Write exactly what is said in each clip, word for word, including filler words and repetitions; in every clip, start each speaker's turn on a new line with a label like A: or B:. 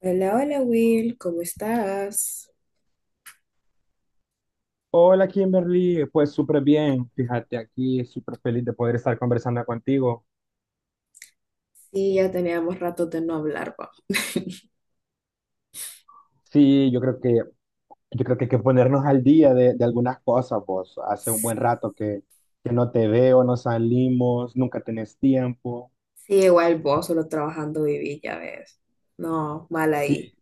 A: Hola, hola Will, ¿cómo estás?
B: Hola Kimberly, pues súper bien, fíjate aquí, súper feliz de poder estar conversando contigo.
A: Sí, ya teníamos rato de no hablar, pa.
B: Sí, yo creo que, yo creo que hay que ponernos al día de, de algunas cosas, vos. Hace un
A: Sí,
B: buen rato que, que no te veo, no salimos, nunca tenés tiempo.
A: igual vos solo trabajando viví, ya ves. No, mal ahí.
B: Sí,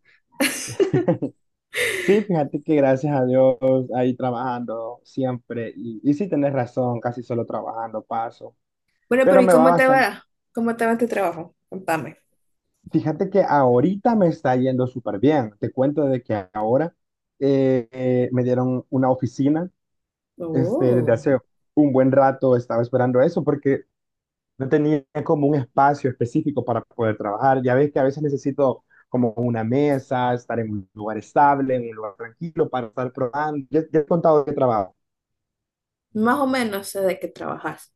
B: sí, fíjate que gracias a Dios ahí trabajando siempre, y, y sí tenés razón, casi solo trabajando paso,
A: Bueno, pero
B: pero
A: ¿y
B: me va
A: cómo te
B: bastante.
A: va? ¿Cómo te va en tu trabajo? Contame.
B: Fíjate que ahorita me está yendo súper bien. Te cuento de que ahora eh, eh, me dieron una oficina. Este, desde
A: Oh,
B: hace un buen rato estaba esperando eso porque no tenía como un espacio específico para poder trabajar. Ya ves que a veces necesito como una mesa, estar en un lugar estable, en un lugar tranquilo para estar probando. Ya, ya he contado de trabajo.
A: más o menos sé de qué trabajas.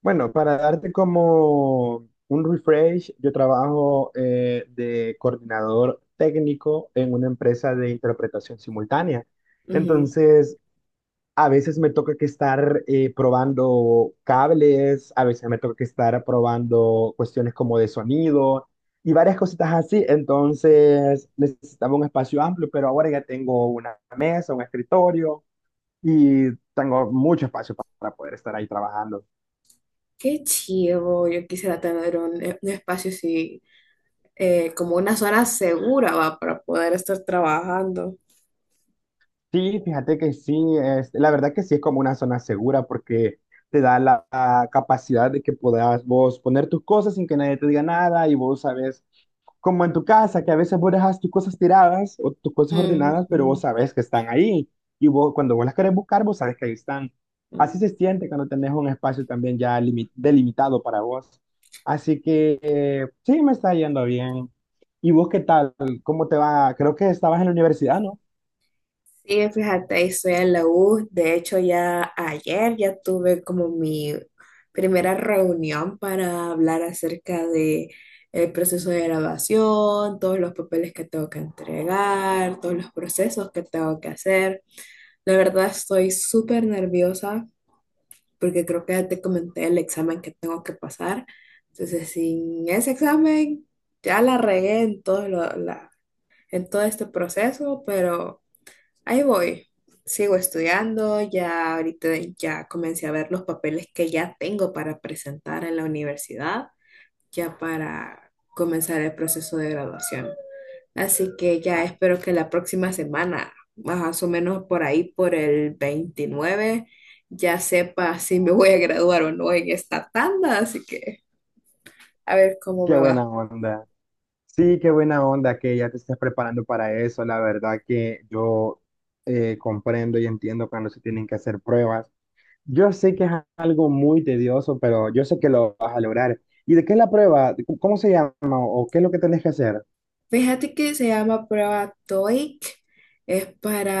B: Bueno, para darte como un refresh, yo trabajo eh, de coordinador técnico en una empresa de interpretación simultánea.
A: Ujú.
B: Entonces, a veces me toca que estar eh, probando cables, a veces me toca que estar probando cuestiones como de sonido y varias cositas así. Entonces, necesitaba un espacio amplio, pero ahora ya tengo una mesa, un escritorio y tengo mucho espacio pa- para poder estar ahí trabajando.
A: Qué chido, yo quisiera tener un, un espacio así, eh, como una zona segura, va, para poder estar trabajando.
B: Sí, fíjate que sí, es, la verdad que sí es como una zona segura porque te da la, la capacidad de que puedas vos poner tus cosas sin que nadie te diga nada y vos sabes, como en tu casa, que a veces vos dejas tus cosas tiradas o tus cosas ordenadas, pero vos
A: Ujú,
B: sabes que están ahí y vos cuando vos las querés buscar, vos sabes que ahí están. Así
A: ujú.
B: se siente cuando tenés un espacio también ya limi- delimitado para vos. Así que eh, sí, me está yendo bien. ¿Y vos qué tal? ¿Cómo te va? Creo que estabas en la universidad, ¿no?
A: Sí, fíjate, ahí estoy en la U. De hecho, ya ayer ya tuve como mi primera reunión para hablar acerca de el proceso de grabación, todos los papeles que tengo que entregar, todos los procesos que tengo que hacer. La verdad estoy súper nerviosa porque creo que ya te comenté el examen que tengo que pasar. Entonces, sin ese examen, ya la regué en todo lo- la, en todo este proceso, pero. Ahí voy. Sigo estudiando, ya ahorita ya comencé a ver los papeles que ya tengo para presentar en la universidad, ya para comenzar el proceso de graduación. Así que ya espero que la próxima semana, más o menos por ahí, por el veintinueve, ya sepa si me voy a graduar o no en esta tanda. Así que a ver cómo
B: Qué
A: me va.
B: buena onda. Sí, qué buena onda que ya te estés preparando para eso. La verdad que yo eh, comprendo y entiendo cuando se tienen que hacer pruebas. Yo sé que es algo muy tedioso, pero yo sé que lo vas a lograr. ¿Y de qué es la prueba? ¿Cómo se llama? ¿O qué es lo que tenés que hacer?
A: Fíjate que se llama prueba TOEIC. Es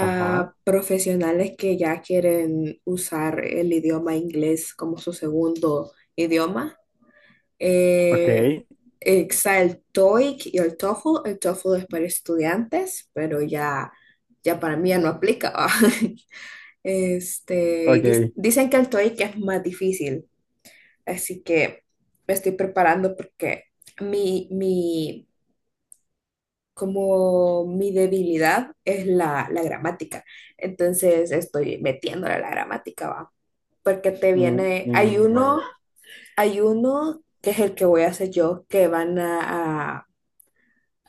B: Ajá,
A: profesionales que ya quieren usar el idioma inglés como su segundo idioma.
B: ok,
A: Eh, Está el TOEIC y el TOEFL. El TOEFL es para estudiantes, pero ya, ya para mí ya no aplica, ¿va? Este, y dis-
B: ok.
A: dicen que el TOEIC es más difícil, así que me estoy preparando porque mi, mi como mi debilidad es la, la gramática. Entonces estoy metiéndole a la gramática, va. Porque te
B: Mm,
A: viene, hay
B: mm, ya
A: uno,
B: veo.
A: hay uno que es el que voy a hacer yo, que van a,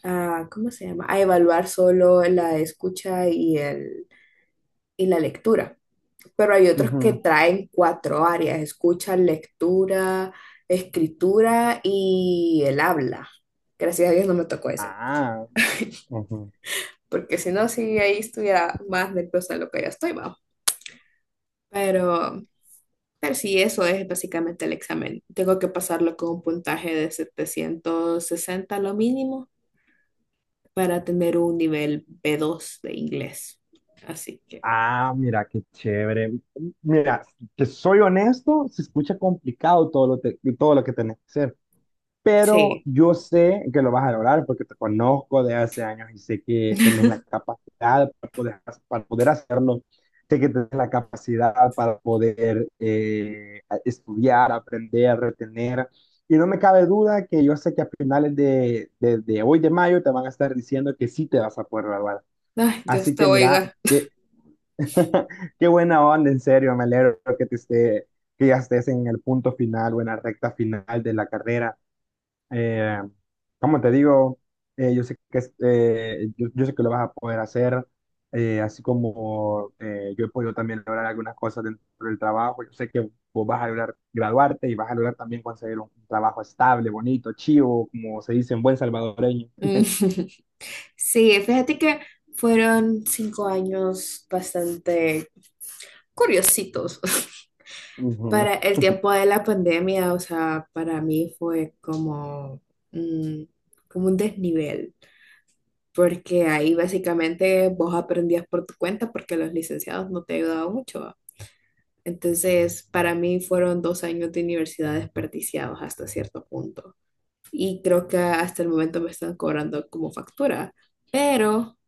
A: a- a- ¿cómo se llama? A evaluar solo la escucha y, el, y la lectura. Pero hay otros que
B: Ujú.
A: traen cuatro áreas: escucha, lectura, escritura y el habla. Gracias a Dios no me tocó ese.
B: Ah, ujú.
A: Porque si no, sí, ahí estuviera más nerviosa de lo que ya estoy, va. Pero, pero sí, eso es básicamente el examen. Tengo que pasarlo con un puntaje de setecientos sesenta lo mínimo para tener un nivel b dos de inglés. Así que,
B: Ah, mira, qué chévere. Mira, que soy honesto, se escucha complicado todo lo, te- todo lo que tenés que hacer. Pero
A: sí.
B: yo sé que lo vas a lograr porque te conozco de hace años y sé que tenés la capacidad para poder, para poder hacerlo, sé que tenés la capacidad para poder eh, estudiar, aprender, retener. Y no me cabe duda que yo sé que a finales de, de, de hoy de mayo te van a estar diciendo que sí te vas a poder graduar.
A: Ay, Dios
B: Así
A: te
B: que mira,
A: oiga.
B: qué, qué buena onda, en serio, me alegro que te esté, que ya estés en el punto final o en la recta final de la carrera eh, como te digo, eh, yo sé que es- eh, yo, yo sé que lo vas a poder hacer, eh, así como eh, yo he podido también lograr algunas cosas dentro del trabajo. Yo sé que vos vas a lograr graduarte y vas a lograr también conseguir un trabajo estable, bonito, chivo, como se dice en buen salvadoreño.
A: Mm. Sí, fíjate que fueron cinco años bastante curiositos.
B: Ujú.
A: Para el tiempo de la pandemia, o sea, para mí fue como, mm, como un desnivel, porque ahí básicamente vos aprendías por tu cuenta porque los licenciados no te ayudaban mucho, ¿va? Entonces, para mí fueron dos años de universidad desperdiciados hasta cierto punto. Y creo que hasta el momento me están cobrando como factura, pero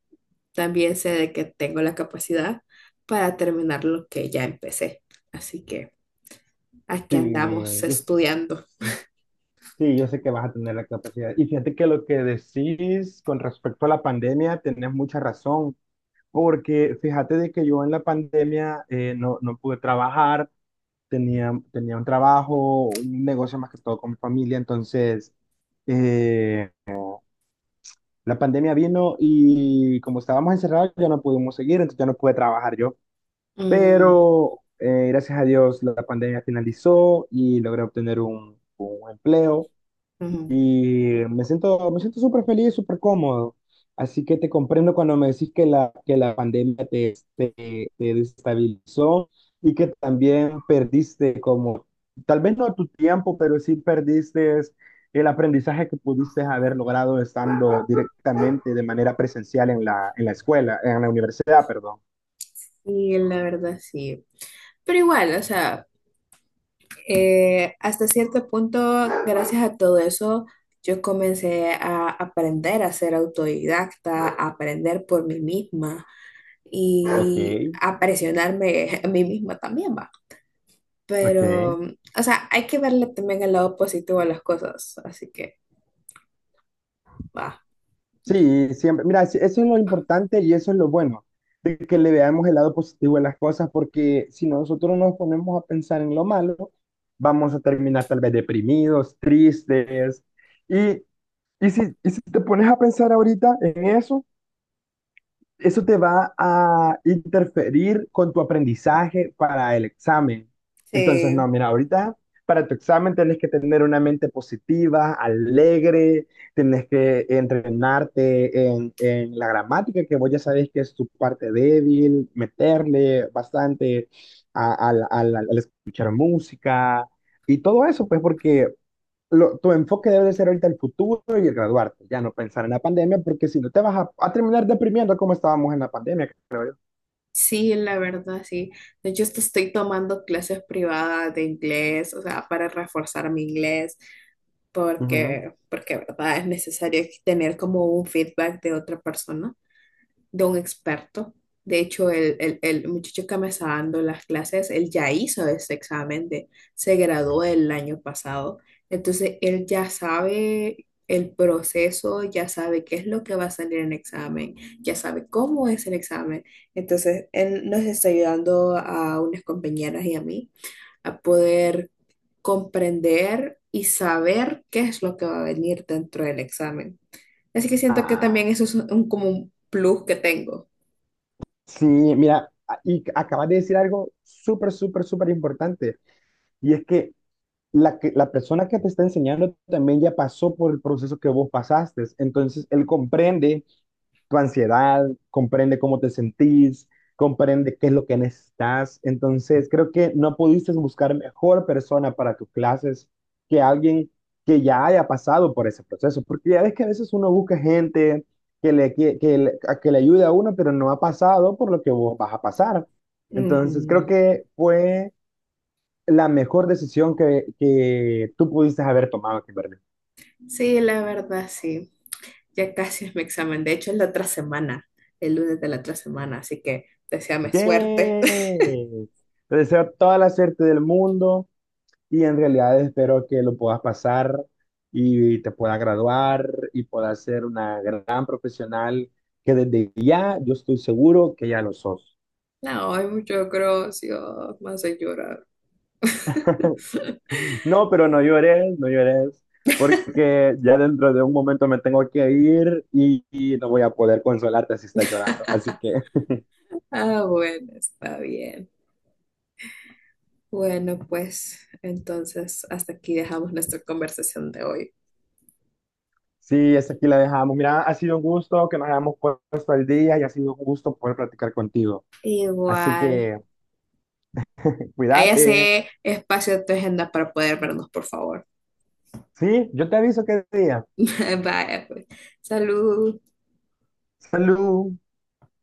A: también sé de que tengo la capacidad para terminar lo que ya empecé. Así que aquí
B: Sí,
A: andamos
B: yo, s-
A: estudiando.
B: sí, yo sé que vas a tener la capacidad. Y fíjate que lo que decís con respecto a la pandemia, tenés mucha razón. Porque fíjate de que yo en la pandemia eh, no, no pude trabajar, tenía, tenía un trabajo, un negocio más que todo con mi familia, entonces eh, la pandemia vino y como estábamos encerrados ya no pudimos seguir, entonces ya no pude trabajar yo.
A: Mm,
B: Pero eh, gracias a Dios la pandemia finalizó y logré obtener un, un empleo
A: ujú.
B: y me siento, me siento súper feliz, súper cómodo. Así que te comprendo cuando me decís que la, que la pandemia te, te, te desestabilizó y que también perdiste como, tal vez no tu tiempo, pero sí perdiste el aprendizaje que pudiste haber logrado estando directamente de manera presencial en la, en la escuela, en la universidad, perdón.
A: Sí, la verdad sí. Pero igual, o sea, eh, hasta cierto punto, gracias a todo eso, yo comencé a aprender a ser autodidacta, a aprender por mí misma
B: Ok,
A: y a presionarme a mí misma también, va.
B: ok.
A: Pero, o sea, hay que verle también el lado positivo a las cosas, así que, va.
B: Sí, siempre. Mira, es- eso es lo importante y eso es lo bueno, de que le veamos el lado positivo de las cosas, porque si nosotros nos ponemos a pensar en lo malo, vamos a terminar tal vez deprimidos, tristes. Y, y si, y si te pones a pensar ahorita en eso, eso te va a interferir con tu aprendizaje para el examen. Entonces, no,
A: Sí,
B: mira, ahorita para tu examen tienes que tener una mente positiva, alegre, tienes que entrenarte en, en la gramática, que vos ya sabés que es tu parte débil, meterle bastante a- al al- al- al escuchar música y todo eso, pues porque lo- tu enfoque debe de ser ahorita el futuro y el graduarte, ya no pensar en la pandemia, porque si no te vas a, a terminar deprimiendo como estábamos en la pandemia, creo yo.
A: Sí, la verdad, sí. De hecho, hasta estoy tomando clases privadas de inglés, o sea, para reforzar mi inglés,
B: Ujú.
A: porque, porque, verdad, es necesario tener como un feedback de otra persona, de un experto. De hecho, el, el- el muchacho que me está dando las clases, él ya hizo ese examen, de, se graduó el año pasado. Entonces, él ya sabe el proceso, ya sabe qué es lo que va a salir en el examen, ya sabe cómo es el examen. Entonces, él nos está ayudando a unas compañeras y a mí a poder comprender y saber qué es lo que va a venir dentro del examen. Así que siento que también
B: Ah,
A: eso es un, como un plus que tengo.
B: sí, mira, a- y acabas de decir algo súper, súper, súper importante, y es que la, que la persona que te está enseñando también ya pasó por el proceso que vos pasaste, entonces él comprende tu ansiedad, comprende cómo te sentís, comprende qué es lo que necesitas. Entonces, creo que no pudiste buscar mejor persona para tus clases que alguien que ya haya pasado por ese proceso, porque ya ves que a veces uno busca gente que le, que, que le- a que le ayude a uno, pero no ha pasado por lo que vos vas a pasar. Entonces, creo
A: Ujú.
B: que fue la mejor decisión que, que tú pudiste haber tomado, Kimberly.
A: Sí, la verdad, sí. Ya casi es mi examen. De hecho, es la otra semana, el lunes de la otra semana, así que deséame suerte.
B: ¡Yay! Te deseo toda la suerte del mundo. Y en realidad espero que lo puedas pasar y te puedas graduar y puedas ser una gran profesional que desde ya yo estoy seguro que ya lo sos.
A: No, hay mucho gracias, me hace llorar.
B: No, pero no llores, no llores, porque ya dentro de un momento me tengo que ir y, y no voy a poder consolarte si estás llorando. Así que
A: Ah, bueno, está bien. Bueno, pues entonces hasta aquí dejamos nuestra conversación de hoy.
B: sí, hasta aquí la dejamos. Mira, ha sido un gusto que nos hayamos puesto al día y ha sido un gusto poder platicar contigo. Así
A: Igual.
B: que
A: Ahí
B: cuídate.
A: hace espacio en tu agenda para poder vernos, por favor.
B: Sí, yo te aviso qué día.
A: Vaya, pues. Salud.
B: Salud.